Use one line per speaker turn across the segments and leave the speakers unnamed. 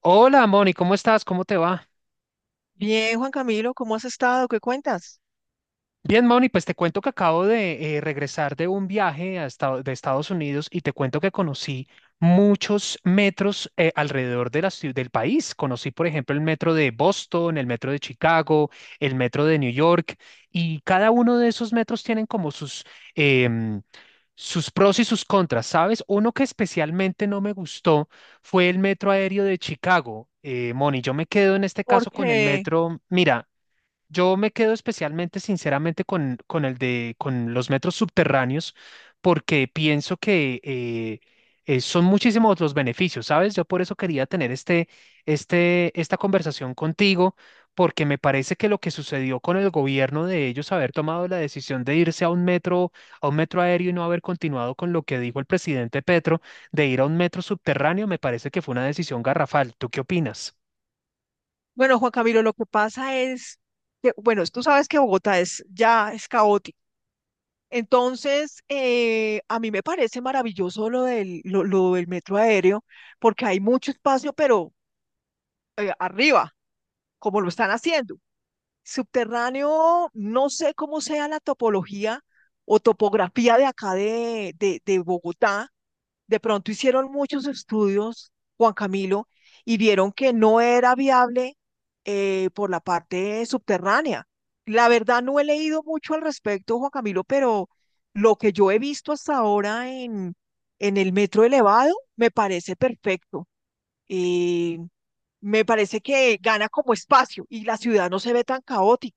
Hola, Moni, ¿cómo estás? ¿Cómo te va?
Bien, Juan Camilo, ¿cómo has estado? ¿Qué cuentas?
Bien, Moni, pues te cuento que acabo de regresar de un viaje a de Estados Unidos y te cuento que conocí muchos metros alrededor de la del país. Conocí, por ejemplo, el metro de Boston, el metro de Chicago, el metro de New York, y cada uno de esos metros tienen como em, sus pros y sus contras, ¿sabes? Uno que especialmente no me gustó fue el metro aéreo de Chicago. Moni, yo me quedo en este caso con el
Porque,
metro. Mira, yo me quedo especialmente, sinceramente, con el de con los metros subterráneos, porque pienso que son muchísimos los beneficios, ¿sabes? Yo por eso quería tener esta conversación contigo, porque me parece que lo que sucedió con el gobierno de ellos haber tomado la decisión de irse a a un metro aéreo y no haber continuado con lo que dijo el presidente Petro de ir a un metro subterráneo, me parece que fue una decisión garrafal. ¿Tú qué opinas?
bueno, Juan Camilo, lo que pasa es que, bueno, tú sabes que Bogotá es ya es caótico. Entonces, a mí me parece maravilloso lo del metro aéreo, porque hay mucho espacio, pero arriba, como lo están haciendo. Subterráneo, no sé cómo sea la topología o topografía de acá de Bogotá. De pronto hicieron muchos estudios, Juan Camilo, y vieron que no era viable, por la parte subterránea. La verdad no he leído mucho al respecto, Juan Camilo, pero lo que yo he visto hasta ahora en el metro elevado me parece perfecto. Eh, Me parece que gana como espacio y la ciudad no se ve tan caótica.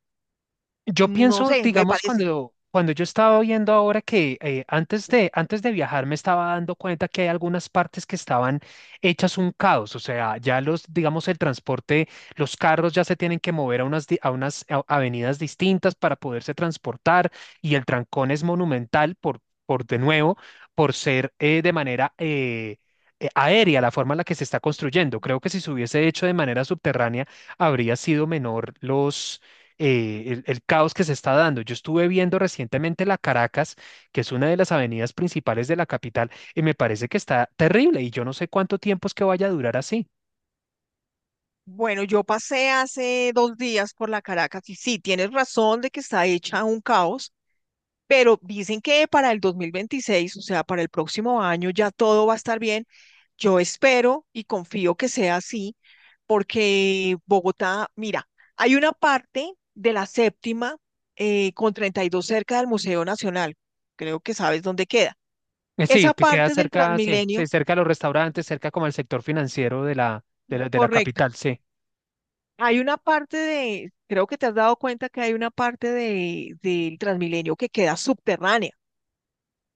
Yo
No
pienso,
sé, me
digamos,
parece.
cuando yo estaba viendo ahora que antes de viajar me estaba dando cuenta que hay algunas partes que estaban hechas un caos, o sea, ya los, digamos, el transporte, los carros ya se tienen que mover a a avenidas distintas para poderse transportar y el trancón es monumental por de nuevo, por ser de manera aérea la forma en la que se está construyendo. Creo que si se hubiese hecho de manera subterránea, habría sido menor los el caos que se está dando. Yo estuve viendo recientemente la Caracas, que es una de las avenidas principales de la capital, y me parece que está terrible y yo no sé cuánto tiempo es que vaya a durar así.
Bueno, yo pasé hace dos días por la Caracas y sí, tienes razón de que está hecha un caos, pero dicen que para el 2026, o sea, para el próximo año ya todo va a estar bien. Yo espero y confío que sea así, porque Bogotá, mira, hay una parte de la séptima con 32 cerca del Museo Nacional, creo que sabes dónde queda.
Sí,
Esa
que queda
parte del
cerca, sí, sí,
Transmilenio,
cerca de los restaurantes, cerca como el sector financiero de de la
correcto.
capital, sí.
Hay una parte de, creo que te has dado cuenta que hay una parte de, del Transmilenio que queda subterránea.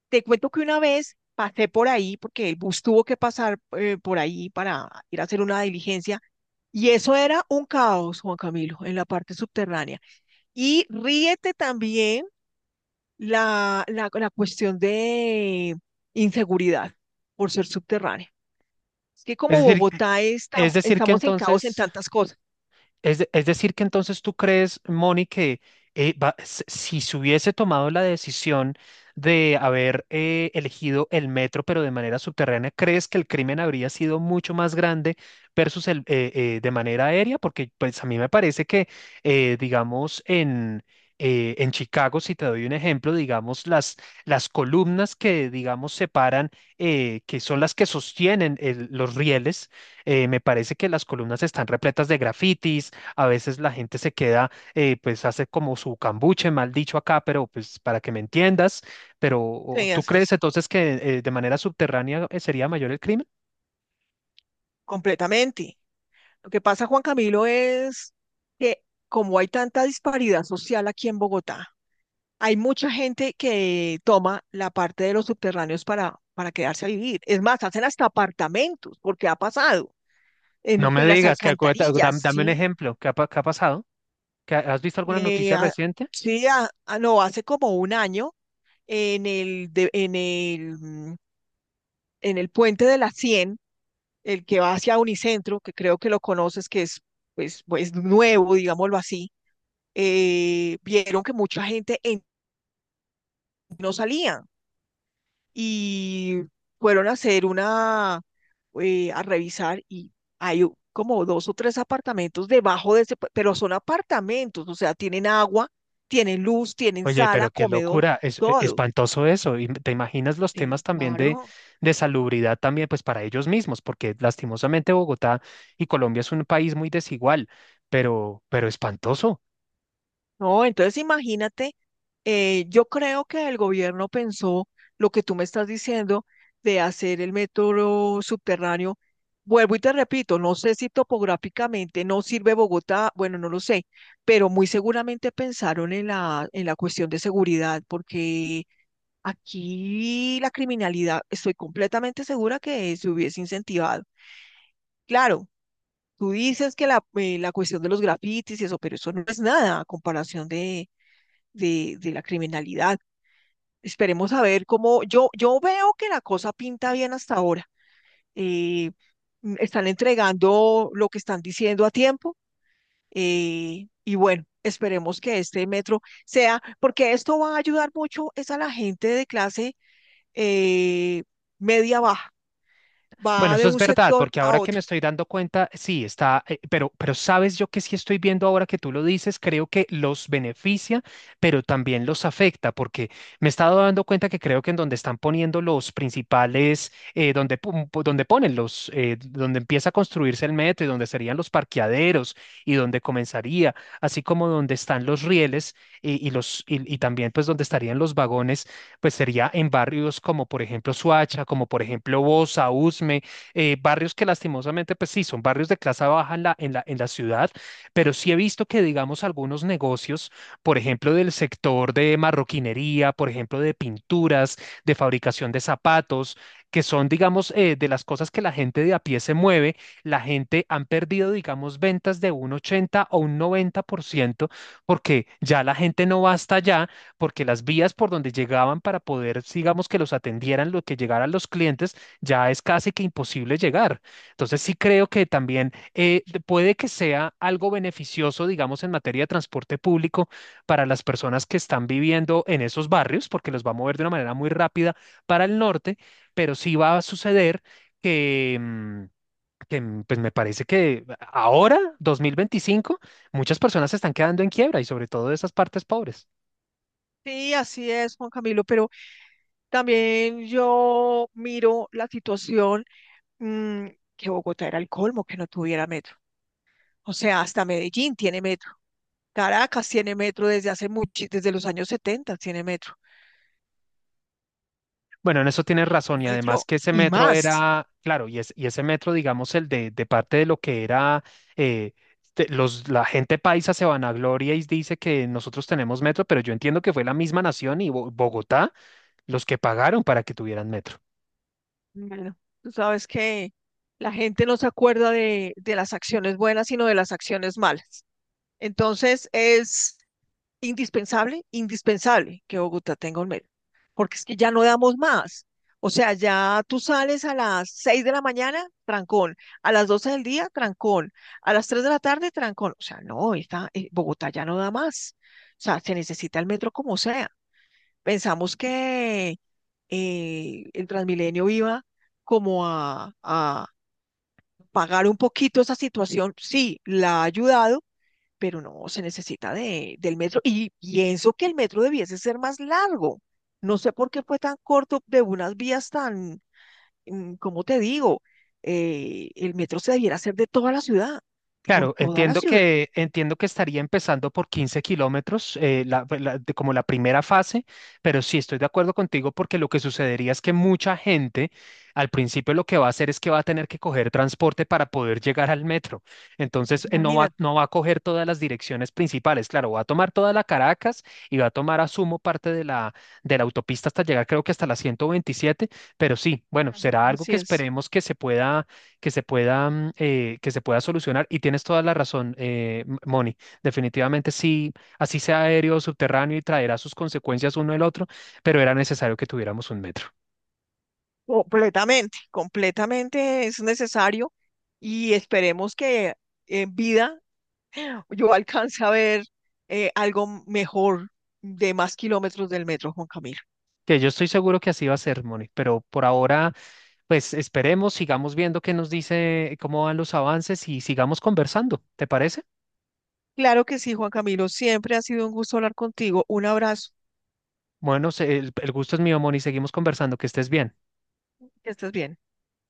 Te cuento que una vez pasé por ahí, porque el bus tuvo que pasar, por ahí para ir a hacer una diligencia, y eso era un caos, Juan Camilo, en la parte subterránea. Y ríete también la cuestión de inseguridad por ser subterránea. Es que como
Es decir,
Bogotá está,
es decir que
estamos en caos en
entonces
tantas cosas.
Es decir, que entonces tú crees, Moni, que si se hubiese tomado la decisión de haber elegido el metro, pero de manera subterránea, ¿crees que el crimen habría sido mucho más grande versus de manera aérea? Porque pues a mí me parece que, digamos, en Chicago, si te doy un ejemplo, las columnas que, digamos, separan, que son las que sostienen los rieles, me parece que las columnas están repletas de grafitis. A veces la gente se queda, pues hace como su cambuche, mal dicho acá, pero pues para que me entiendas, pero
Sí,
¿tú
así
crees
es,
entonces que de manera subterránea sería mayor el crimen?
completamente. Lo que pasa, Juan Camilo, es que como hay tanta disparidad social aquí en Bogotá, hay mucha gente que toma la parte de los subterráneos para quedarse a vivir. Es más, hacen hasta apartamentos, porque ha pasado
No me
entre las
digas que
alcantarillas,
dame un
¿sí?
ejemplo, ¿qué ha, qué ha pasado? ¿Has visto alguna
Eh,
noticia
a-
reciente?
sí, no, hace como un año en el, de- en el, en el puente de la Cien, el que va hacia Unicentro, que creo que lo conoces, que es pues, pues nuevo, digámoslo así, vieron que mucha gente en- no salía y fueron a hacer una, a revisar y hay u- como dos o tres apartamentos debajo de ese, pa- pero son apartamentos, o sea, tienen agua, tienen luz, tienen
Oye,
sala,
pero qué
comedor,
locura, es
todo.
espantoso eso. Y te imaginas los temas
Sí,
también
claro.
de salubridad también, pues para ellos mismos, porque lastimosamente Bogotá y Colombia es un país muy desigual, pero espantoso.
No, entonces imagínate, yo creo que el gobierno pensó lo que tú me estás diciendo de hacer el metro subterráneo. Vuelvo y te repito, no sé si topográficamente no sirve Bogotá, bueno, no lo sé, pero muy seguramente pensaron en en la cuestión de seguridad, porque aquí la criminalidad, estoy completamente segura que se hubiese incentivado. Claro, tú dices que la, la cuestión de los grafitis y eso, pero eso no es nada a comparación de la criminalidad. Esperemos a ver cómo yo veo que la cosa pinta bien hasta ahora. Eh, Están entregando lo que están diciendo a tiempo, y bueno, esperemos que este metro sea, porque esto va a ayudar mucho es a la gente de clase, eh, media baja,
Bueno,
va de
eso es
un
verdad,
sector
porque
a
ahora que me
otro.
estoy dando cuenta, sí, está, pero sabes yo que sí estoy viendo ahora que tú lo dices, creo que los beneficia, pero también los afecta, porque me he estado dando cuenta que creo que en donde están poniendo los principales, donde ponen donde empieza a construirse el metro y donde serían los parqueaderos y donde comenzaría, así como donde están los rieles y los, y también pues donde estarían los vagones, pues sería en barrios como por ejemplo Suacha, como por ejemplo Bosa, Usme, barrios que lastimosamente, pues sí, son barrios de clase baja en en la ciudad, pero sí he visto que, digamos, algunos negocios, por ejemplo, del sector de marroquinería, por ejemplo, de pinturas, de fabricación de zapatos, que son, digamos, de las cosas que la gente de a pie se mueve, la gente han perdido, digamos, ventas de un 80 o un 90% porque ya la gente no va hasta allá, porque las vías por donde llegaban para poder, digamos, que los atendieran, lo que llegaran los clientes, ya es casi que imposible llegar. Entonces sí creo que también puede que sea algo beneficioso, digamos, en materia de transporte público para las personas que están viviendo en esos barrios, porque los va a mover de una manera muy rápida para el norte, pero sí va a suceder que... mm, que pues me parece que ahora, 2025, muchas personas se están quedando en quiebra y sobre todo de esas partes pobres.
Sí, así es, Juan Camilo, pero también yo miro la situación, mm, que Bogotá era el colmo que no tuviera metro. O sea, hasta Medellín tiene metro. Caracas tiene metro desde hace mucho, desde los años 70 tiene metro.
Bueno, en eso tienes razón y además
Metro
que ese
y
metro
más.
era, claro, y ese metro, digamos, de parte de lo que era, eh, la gente paisa se vanagloria y dice que nosotros tenemos metro, pero yo entiendo que fue la misma nación y Bogotá los que pagaron para que tuvieran metro.
Bueno, tú sabes que la gente no se acuerda de las acciones buenas, sino de las acciones malas. Entonces, es indispensable, indispensable que Bogotá tenga un metro, porque es que ya no damos más. O sea, ya tú sales a las 6 de la mañana, trancón, a las 12 del día, trancón, a las 3 de la tarde, trancón. O sea, no, esta, Bogotá ya no da más. O sea, se necesita el metro como sea. Pensamos que el Transmilenio iba como a pagar un poquito esa situación. Sí, la ha ayudado, pero no, se necesita del metro y pienso que el metro debiese ser más largo. No sé por qué fue tan corto de unas vías tan, ¿cómo te digo? El metro se debiera hacer de toda la ciudad, por
Claro,
toda la ciudad,
entiendo que estaría empezando por 15 kilómetros, como la primera fase, pero sí estoy de acuerdo contigo porque lo que sucedería es que mucha gente al principio lo que va a hacer es que va a tener que coger transporte para poder llegar al metro. Entonces,
imagínate.
no va a coger todas las direcciones principales. Claro, va a tomar toda la Caracas y va a tomar, asumo, parte de de la autopista hasta llegar, creo que hasta la 127, pero sí, bueno, será
Ujú.
algo
Así
que
es,
esperemos que se pueda, que se pueda solucionar. Y tienes toda la razón, Moni. Definitivamente sí, así sea aéreo, subterráneo y traerá sus consecuencias uno el otro, pero era necesario que tuviéramos un metro.
completamente, completamente es necesario y esperemos que en vida yo alcance a ver, algo mejor de más kilómetros del metro, Juan Camilo.
Que yo estoy seguro que así va a ser, Moni, pero por ahora, pues esperemos, sigamos viendo qué nos dice, cómo van los avances y sigamos conversando. ¿Te parece?
Claro que sí, Juan Camilo. Siempre ha sido un gusto hablar contigo. Un abrazo.
Bueno, el gusto es mío, Moni, seguimos conversando, que estés bien.
Que estés bien.